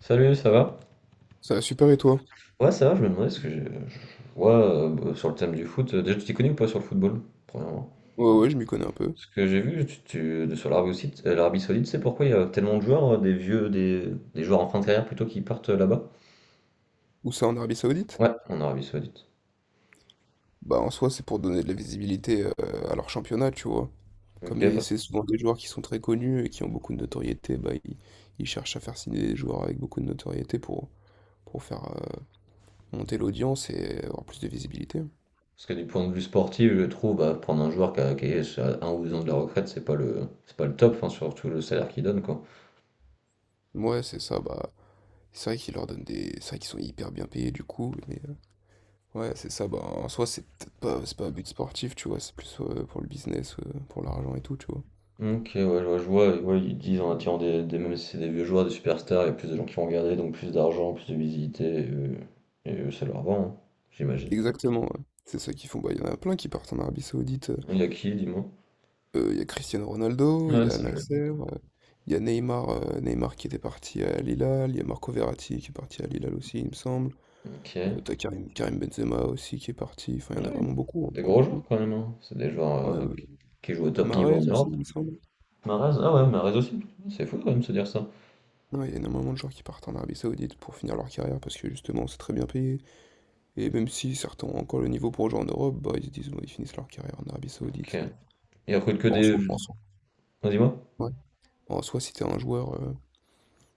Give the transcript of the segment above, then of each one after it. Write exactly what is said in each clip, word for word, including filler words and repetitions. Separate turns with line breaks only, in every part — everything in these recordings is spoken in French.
Salut, ça va?
Ça va super et toi?
Ouais, ça va, je me demandais ce que j'ai- je vois euh, bah, sur le thème du foot. euh, Déjà, tu t'y connais ou pas sur le football, premièrement?
Ouais, ouais, je m'y connais un peu.
Ce que j'ai vu tu, tu- de- sur l'Arabie Saoudite, euh, l'Arabie Saoudite, c'est pourquoi il y a tellement de joueurs, euh, des vieux, des, des joueurs en fin de carrière plutôt qui partent euh, là-bas?
Où ça, en Arabie Saoudite?
Ouais, en Arabie Saoudite.
Bah, en soi, c'est pour donner de la visibilité euh, à leur championnat, tu vois.
Ok,
Comme ils-
bah,
c'est souvent des joueurs qui sont très connus et qui ont beaucoup de notoriété, bah, ils, ils cherchent à faire signer des joueurs avec beaucoup de notoriété pour, pour faire euh, monter l'audience et avoir plus de visibilité.
parce que du point de vue sportif, je trouve, bah, prendre un joueur qui, a- qui est à un ou deux ans de la retraite, c'est pas le, c'est pas le top, enfin, surtout le salaire qu'il donne, quoi.
Ouais, c'est ça, bah, c'est vrai qu'ils leur donnent des... C'est vrai qu'ils sont hyper bien payés, du coup, mais... euh, ouais, c'est ça, bah, en soi, c'est peut-être pas, c'est pas un but sportif, tu vois, c'est plus euh, pour le business, euh, pour l'argent et tout, tu vois.
OK, ouais, je vois, je vois, ouais, ils disent en attirant des, des- même si c'est des vieux joueurs, des superstars, il y a plus de gens qui vont regarder, donc plus d'argent, plus de visibilité, et, eux- et eux, ça leur va, hein, j'imagine.
Exactement, ouais. C'est ça qu'ils font. Bah, il y en a plein qui partent en Arabie Saoudite.
Il y a qui, dis-moi?
Euh, il y a Cristiano Ronaldo, il y
Ouais,
a Al
ça joue.
Nasser, euh, il y a Neymar, euh, Neymar qui était parti à Al Hilal, il y a Marco Verratti qui est parti à Al Hilal aussi, il me semble.
Ok. Ouais,
Euh, t'as Karim, Karim Benzema aussi qui est parti. Enfin, il y en a vraiment beaucoup hein,
des
pour le
gros joueurs
coup.
quand même, hein. C'est des
Ouais,
joueurs euh,
euh,
qui jouent au top niveau en
Mahrez aussi,
Europe.
il me semble.
Mahrez, ah ouais, Mahrez aussi. C'est fou quand même de se dire ça.
Ouais, il y a énormément de gens qui partent en Arabie Saoudite pour finir leur carrière parce que justement, c'est très bien payé. Et même si certains ont encore le niveau pour jouer en Europe, bah, ils se disent, bon, ils finissent leur carrière en Arabie
Ok.
Saoudite. Ça.
Il recrute que
Bon, en
des.
soi, en soi,
Vas-y, moi.
ouais. Bon, en soi, si t'es un joueur, euh,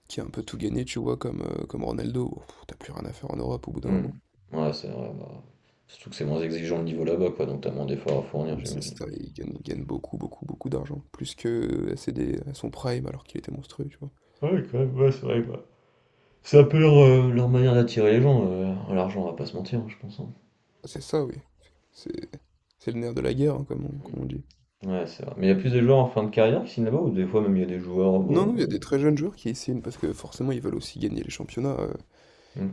Qui a un peu tout gagné, tu vois, comme, euh, comme Ronaldo. Oh, pff, t'as plus rien à faire en Europe au bout d'un
Hmm.
moment.
Ouais, c'est vrai. Bah, surtout que c'est moins exigeant le niveau là-bas, quoi, donc t'as moins d'efforts à fournir,
Ouais, c'est
j'imagine.
ça, il gagne, il gagne beaucoup, beaucoup, beaucoup d'argent. Plus que euh, à, ses dé- à son prime alors qu'il était monstrueux, tu vois.
Ouais, quand même, ouais, c'est vrai. Bah, c'est un peu leur, heu, leur manière d'attirer les gens, heu, l'argent, on va pas se mentir, hein, je pense, hein.
Ah, c'est ça, oui. C'est c'est le nerf de la guerre, hein, comme on, comme on dit.
Ouais, c'est vrai. Mais il y a plus de joueurs en fin de carrière qui signent là-bas ou des fois même il y a des joueurs, bah,
Non, non, il y a
bon.
des très jeunes joueurs qui signent parce que forcément ils veulent aussi gagner les championnats. euh,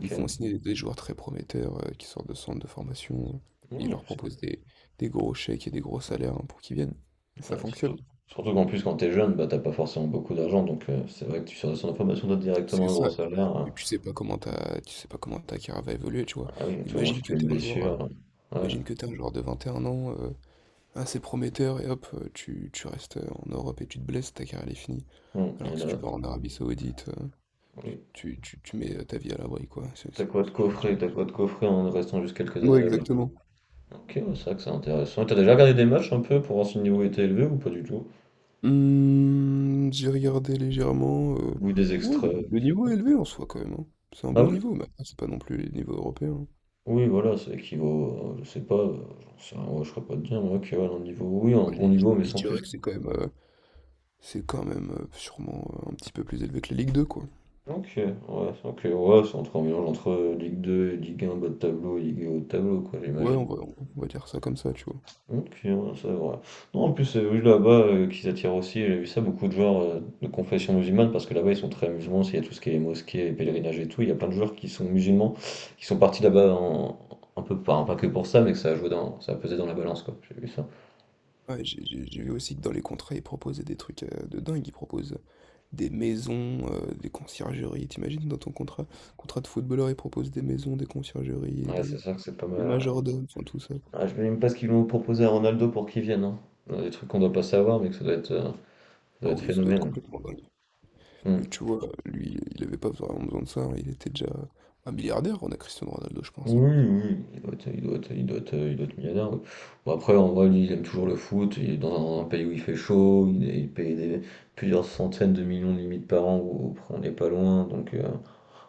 ils font signer des, des joueurs très prometteurs euh, qui sortent de centres de formation. euh, et ils
Ouais,
leur
c'est
proposent des, des gros chèques et des gros salaires hein, pour qu'ils viennent. Et
cool.
ça
Ouais,
fonctionne.
surtout surtout qu'en plus quand t'es jeune, bah, t'as pas forcément beaucoup d'argent donc heu, c'est vrai que tu sors de centre de formation, directement
C'est
un gros
ça.
salaire, heu,
Et tu sais pas comment ta, tu sais pas comment ta carrière va évoluer, tu vois.
ah oui, à tout moment tu
Imagine
te
que
fais une
t'es un joueur, euh,
blessure, hein.
imagine que t'es un joueur de vingt et un ans, euh, assez prometteur, et hop, euh, tu, tu restes euh, en Europe et tu te blesses, ta carrière elle est finie.
Ouais, mmh
Alors
et
que si tu
là
vas en Arabie Saoudite, euh,
oui,
tu, tu, tu mets euh, ta vie à l'abri, quoi. C'est-
t'as
c'est-
quoi de
c'est- je peux dire.
coffrer t'as quoi de coffrer en restant juste quelques années
Ouais,
là-bas.
exactement.
OK, ouais, c'est vrai que c'est intéressant et tu déjà regardé des matchs un peu pour voir si le niveau était élevé ou pas du tout?
Hmm, j'ai regardé légèrement. euh,
Ou des
ouais, le,
extraits,
le
je sais
niveau
pas?
est élevé en soi, quand même, hein. C'est un
Ah
bon
oui?
niveau, mais après, c'est pas non plus les niveaux européens, hein.
Oui, voilà, ça équivaut, euh, je sais pas, euh, j'en sais rien, ouais, je serais pas de dire, moi, que ouais, un niveau, oui, un
Moi,
bon
Je,
niveau, mais
je- je
sans plus,
dirais que
quoi.
c'est quand même. euh, c'est quand même euh, sûrement euh, un petit peu plus élevé que la Ligue deux, quoi.
Ok, ouais, ok, ouais, c'est entre un mélange entre euh, Ligue deux et Ligue un bas de tableau, et Ligue un haut de tableau, quoi,
Ouais, on
j'imagine.
va, on va dire ça comme ça, tu vois.
Ok, ouais, ça, voilà. Non, en plus, euh, oui, là-bas, euh, qu'ils attirent aussi, j'ai vu ça, beaucoup de joueurs euh, de confession musulmane, parce que là-bas, ils sont très musulmans, s'il y a tout ce qui est mosquée, pèlerinage et tout, il y a plein de joueurs qui sont musulmans, qui sont partis là-bas en- un peu, pas, pas que pour ça, mais que ça a joué dans, ça a pesé dans la balance, quoi, j'ai vu ça.
Ouais, j'ai j'ai- j'ai vu aussi que dans les contrats, ils proposaient des trucs euh, de dingue. Ils proposent des maisons, euh, des conciergeries. T'imagines, dans ton contrat, contrat de footballeur, ils proposent des maisons, des conciergeries, et
Ouais, c'est
des,
ça que c'est pas
des
mal.
majordomes, enfin tout ça, quoi.
Ah, je ne même pas ce qu'ils vont proposer à Ronaldo pour qu'il vienne, hein. Il y a des trucs qu'on doit pas savoir, mais que ça doit être, euh, ça doit
Ah
être
oui, ça doit être
phénoménal.
complètement dingue. Et
Hmm.
tu vois, lui, il avait pas vraiment besoin de ça, hein. Il était déjà un milliardaire, on a Cristiano Ronaldo, je pense,
Oui,
hein.
oui, oui, oui, il doit être, il doit être- il doit être- il doit être millionnaire, oui. Bon, après, en vrai, lui, il aime toujours le foot. Il est dans un, un pays où il fait chaud. Il, est- il paye des plusieurs centaines de millions de limites par an, où on n'est pas loin. Donc, euh,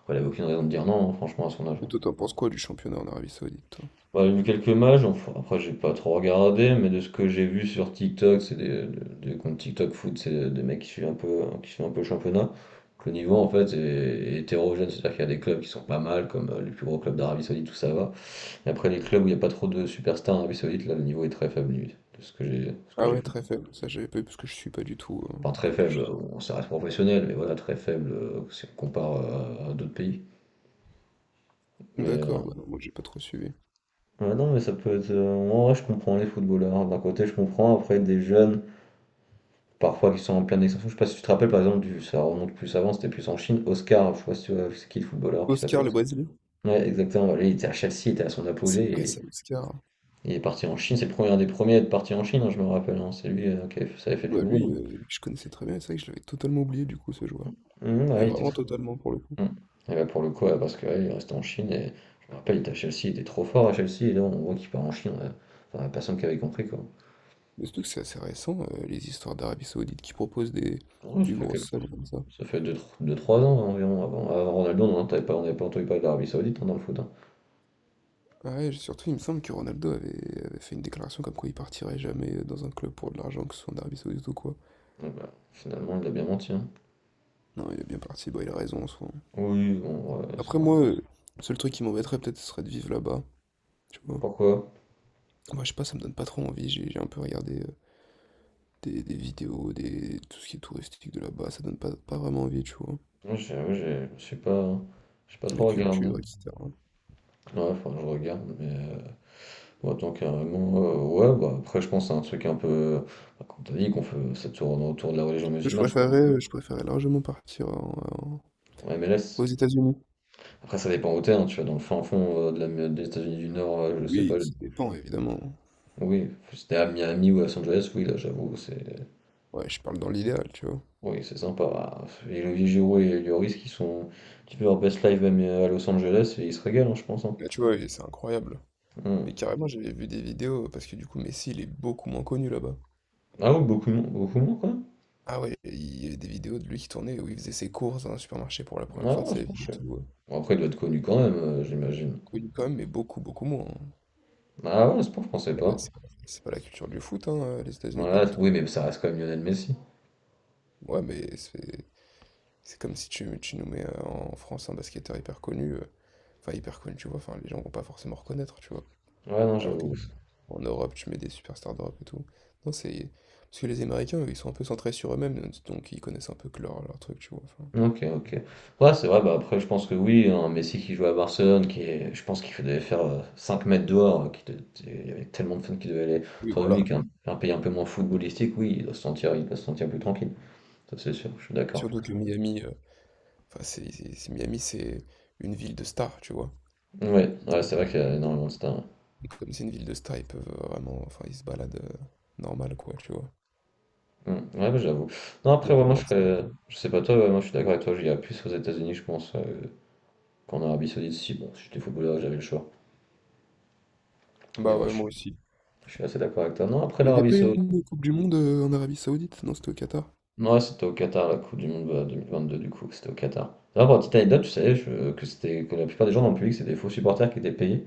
après, il n'avait aucune raison de dire non, hein, franchement, à son âge,
Et
hein.
toi, t'en penses quoi du championnat en Arabie Saoudite, toi?
J'en ai vu quelques matchs, enfin, après j'ai pas trop regardé, mais de ce que j'ai vu sur TikTok, c'est des, des, comptes TikTok foot, c'est des mecs qui suivent un peu, qui suivent un peu le championnat. Donc le niveau en fait est, est hétérogène, c'est-à-dire qu'il y a des clubs qui sont pas mal, comme euh, les plus gros clubs d'Arabie Saoudite, tout ça va. Et après les clubs où il n'y a pas trop de superstars en Arabie Saoudite, là le niveau est très faible limite, de ce que j'ai, de ce que
Ah
j'ai
ouais, très
compris.
faible, ça j'avais pas eu parce que je suis pas du tout. euh,
Enfin très
donc je-
faible, on bon, ça reste professionnel, mais voilà, très faible euh, si on compare euh, à d'autres pays. Mais euh,
D'accord, bah non, moi j'ai pas trop suivi.
ouais, non, mais ça peut être. Euh, en vrai, je comprends les footballeurs. D'un côté, je comprends. Après, des jeunes, parfois qui sont en pleine extinction. Je sais pas si tu te rappelles par exemple du, ça remonte plus avant, c'était plus en Chine, Oscar, je sais pas si tu vois, c'est qui le footballeur qui s'appelle
Oscar le
Oscar.
Brésilien?
Ouais, exactement, lui, il était à Chelsea, il était à son
Ah, c'est
apogée
vrai
et
ça, Oscar.
il est parti en Chine, c'est le premier un des premiers à être parti en Chine, hein, je me rappelle, hein. C'est lui, euh, qui avait fait- ça avait fait du
Bah
bruit,
lui, euh, lui, je connaissais très bien, et c'est vrai que je l'avais totalement oublié du coup ce joueur.
hein. Mhm,
Mais
ouais, il était
vraiment
très...
totalement pour le coup.
Mhm. Et bah, pour le coup, ouais, parce que ouais, il est resté en Chine et je me rappelle, il était à Chelsea, il était trop fort à Chelsea et là on voit qu'il part en Chine, ouais. Enfin, personne qui avait compris quoi.
Mais surtout que c'est assez récent, euh, les histoires d'Arabie Saoudite qui proposent des,
Ouais,
des
ça fait
grosses
quelques...
sommes comme ça.
Ça fait deux trois ans environ, avant, avant Ronaldo, on n'avait pas, on avait pas entendu parler d'Arabie Saoudite hein, dans le foot, hein.
Ah ouais, surtout il me semble que Ronaldo avait, avait fait une déclaration comme quoi il partirait jamais euh, dans un club pour de l'argent, que ce soit en Arabie Saoudite ou quoi.
Ah bah, finalement, il a bien menti, hein.
Non, il est bien parti, bah il a raison en soi.
Oui, bon, ouais, c'est-
Après moi, euh, le seul truc qui m'embêterait peut-être ce serait de vivre là-bas, tu vois.
pourquoi?
Moi, je sais pas, ça me donne pas trop envie. J'ai j'ai un peu regardé euh, des, des vidéos, des, tout ce qui est touristique de là-bas. Ça donne pas, pas vraiment envie, tu vois.
Moi, j'ai, ouais, j'ai- je suis pas, j'ai pas
La
trop regardé.
culture, et cetera. Moi,
Ouais, faudrait que je regarde, mais euh, bon, tant carrément, euh, ouais, bah après, je pense à un truc un peu, bah, comme t'as dit, qu'on fait, ça tourne autour de la religion
Je
musulmane, je crois,
préférais, euh, je préférais largement partir en- en-
en M L S.
aux États-Unis.
Après, ça dépend où t'es, hein, tu vois, dans le fin fond euh, de la- des États-Unis du Nord, euh, je sais pas,
Oui,
je-
ça dépend, évidemment.
oui, c'était à Miami ou à Los Angeles, oui, là, j'avoue, c'est
Ouais, je parle dans l'idéal, tu vois.
oui, c'est sympa. Bah, et Olivier Giroud et Lloris qui sont un petit peu leur best life même à Los Angeles et ils se régalent, hein, je pense, hein.
Là, tu vois, et c'est incroyable.
Hmm.
Mais carrément, j'avais vu des vidéos parce que du coup, Messi, il est beaucoup moins connu là-bas.
Ah oui, beaucoup, moins- beaucoup moins quoi.
Ah ouais, il y avait des vidéos de lui qui tournait où il faisait ses courses dans un supermarché pour la première
Ah
fois de
ouais,
sa
c'est bon,
vie
je
et
sais.
tout. euh.
Bon, après, il doit être connu quand même, euh, j'imagine.
Connu quand même, mais beaucoup, beaucoup moins.
Ah ouais, c'est bon, je pensais
Là-bas,
pas.
c'est c'est pas la culture du foot, hein, euh, les États-Unis, pas
Voilà,
du
oui,
tout.
mais ça reste quand même Lionel Messi.
Ouais, mais c'est c'est comme si tu, tu nous mets euh, en France un basketteur hyper connu, euh, enfin hyper connu, tu vois, enfin les gens vont pas forcément reconnaître, tu vois.
Ouais, non,
Alors
j'avoue.
qu'en Europe, tu mets des superstars d'Europe et tout. Non, c'est parce que les Américains, eux, ils sont un peu centrés sur eux-mêmes, donc ils connaissent un peu que leur, leur truc, tu vois, enfin.
Ok, ok. Ouais, c'est vrai, bah après, je pense que oui, un Messi qui joue à Barcelone, qui est, je pense qu'il devait faire euh, cinq mètres dehors, euh, qui de- il y avait tellement de fans qui devaient aller
Oui,
autour de
voilà.
lui, qu'un un pays un peu moins footballistique, oui, il doit se sentir, il doit se sentir plus tranquille. Ça, c'est sûr, je suis d'accord.
Surtout que Miami, euh, enfin c'est c'est- c'est- Miami, c'est une ville de stars, tu vois.
Ouais, ouais,
Donc
c'est vrai qu'il y
euh,
a énormément de stars.
Et comme c'est une ville de stars, ils peuvent vraiment. Enfin, ils se baladent euh, normal, quoi, tu vois.
Ouais, Mm. Ouais, bah, j'avoue. Non,
Il y
après,
a
ouais, moi, je
tellement de stars.
serais... Je sais pas toi, ouais, moi, je suis d'accord avec toi, j'irais plus aux États-Unis, je pense, euh, qu'en Arabie Saoudite. Si, bon, si j'étais footballeur, j'avais le choix. Mais
Bah
ouais,
ouais,
je suis,
moi aussi.
je suis assez d'accord avec toi. Non, après
Il n'y avait
l'Arabie
pas
Saoudite.
une Coupe du Monde euh, en Arabie Saoudite? Non, c'était au Qatar.
Ouais, c'était au Qatar, la Coupe du Monde bah, deux mille vingt-deux, du coup, c'était au Qatar. D'ailleurs, pour la petite anecdote, tu savais je- que, c'était, que la plupart des gens dans le public, c'était des faux supporters qui étaient payés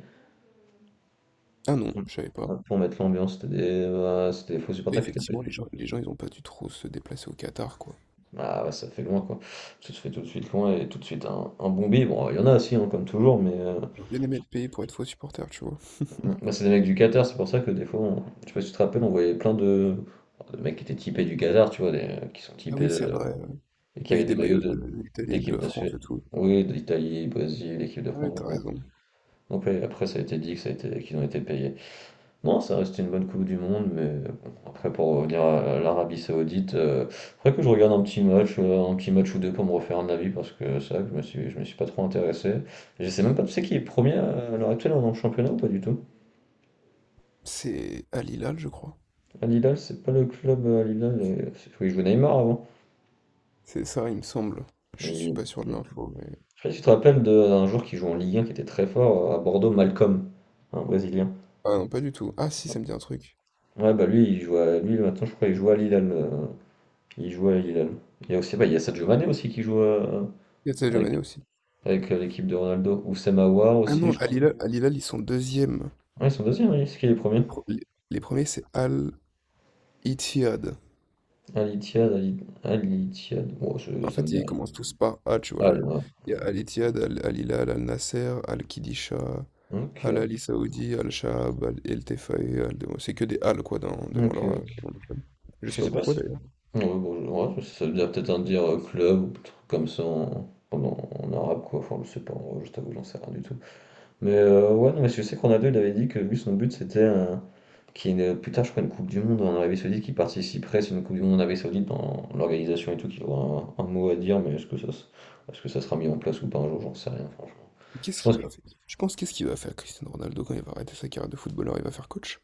Ah non, je savais pas.
pour, pour mettre l'ambiance. C'était des, bah, c'était des faux
Et
supporters qui étaient
effectivement,
payés.
les gens, les gens, ils ont pas dû trop se déplacer au Qatar, quoi.
Ah ouais, ça fait loin quoi. Ça se fait tout de suite loin et tout de suite un, un bon bide. Bon, il y en a aussi, hein, comme toujours, mais euh,
J'aurais bien aimé
je-
être payé pour être faux supporter, tu vois.
bah, c'est des mecs du Qatar, c'est pour ça que des fois, on- je sais pas si tu te rappelles, on voyait plein de, de mecs qui étaient typés du Qatar, tu vois, des, qui sont
Ah
typés
oui, c'est
de-
vrai. euh,
et qui
Avec
avaient
des
des maillots
maillots
de-
de l'Italie et de
d'équipe
la France
nationale.
et tout.
Oui, d'Italie, Brésil, l'équipe de
Ah ouais,
France.
t'as
Donc,
raison.
donc, ouais, après, ça a été dit que ça a été, qu'ils ont été payés. Non, ça reste une bonne Coupe du Monde, mais bon, après pour revenir à l'Arabie Saoudite, euh, faudrait que je regarde un petit match, euh, un petit match ou deux pour me refaire un avis parce que ça, je me suis, je me suis pas trop intéressé. Je sais même pas, tu sais qui est premier à l'heure actuelle dans le championnat ou pas du tout?
C'est Al Hilal, je crois.
Al Hilal, c'est pas le club euh, Al Hilal, euh, c'est celui qui jouait Neymar avant.
C'est ça, il me semble.
Mais
Je suis
il-
pas sûr de
il- je
l'info, mais...
sais pas si tu te rappelles de- d'un joueur qui joue en Ligue un qui était très fort euh, à Bordeaux, Malcolm, un Brésilien.
Ah non, pas du tout. Ah si, ça me dit un truc.
Ouais bah lui il joue à, lui maintenant je crois qu'il joue à Al Hilal, euh, il joue à Al Hilal. Il y a aussi bah, il y a Sadio Mané aussi qui joue à,
Il y a Sadio
avec,
Mané aussi.
avec euh, l'équipe de Ronaldo. Ou Aouar
Ah non,
aussi,
ouais,
je
Al
crois.
Hilal, Al Hilal, ils sont deuxièmes.
Ah, ils sont deuxièmes, oui. C'est qui les premiers?
Le pro- les, les premiers, c'est Al Ittihad.
Al Ittihad, Al Al Ittihad. Bon, ça
En
ça me
fait,
dit
ils
rien.
commencent tous par A, tu vois,
Ah,
là.
là.
Il y a Al Ittihad, Al, Al Hilal, Al Nasser, Al Qidisha, Al Ali
Ok.
Saoudi, Al Shahab, Al El Tefaï, Al Demoul. C'est que des Al, quoi, dans- devant leur,
Ok.
devant leur club. Je sais
Je
pas
sais pas
pourquoi,
si.
d'ailleurs.
Ouais, bon, je- ouais, ça veut dire peut-être un dire euh, club ou un truc comme ça en, en, en arabe, quoi. Enfin, je sais pas. En vrai, je t'avoue, j'en sais rien du tout. Mais euh, ouais, non, mais je sais qu'on a deux, il avait dit que lui, son but, c'était euh, qu'il y ait une- plus tard, je crois, une Coupe du Monde en Arabie Saoudite qui participerait, c'est une Coupe du Monde en Arabie Saoudite dans l'organisation et tout, qu'il aura un, un mot à dire, mais est-ce que ça, se- est-ce que ça sera mis en place ou pas un jour, j'en sais rien, franchement. Je
Qu'est-ce qu'il
pense que...
va faire? Tu penses qu'est-ce qu'il va faire, Cristiano Ronaldo, quand il va arrêter sa carrière de footballeur, il va faire coach?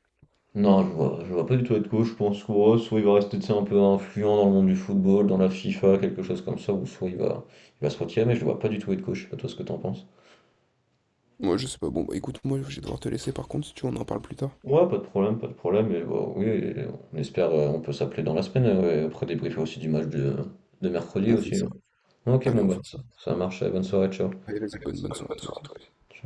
Non, je vois, je vois pas du tout être coach, je pense que ouais, soit il va rester, tu sais, un peu influent dans le monde du football, dans la FIFA, quelque chose comme ça, ou soit il va, il va se retirer, mais je le vois pas du tout être coach, je sais pas toi ce que t'en penses.
Moi, je sais pas. Bon, bah écoute, moi, je vais devoir te laisser, par contre, si tu veux, on en parle plus tard.
Ouais, pas de problème, pas de problème. Et bah, oui, et on espère, euh, on peut s'appeler dans la semaine. Euh, ouais, après débriefer aussi du match de, de mercredi
On fait
aussi, hein.
ça.
Ok,
Allez,
bon,
on
bah,
fait ça.
ça, ça marche. euh, Bonne soirée, ciao.
Allez, vas-y, bonne, bonne soirée à toi aussi.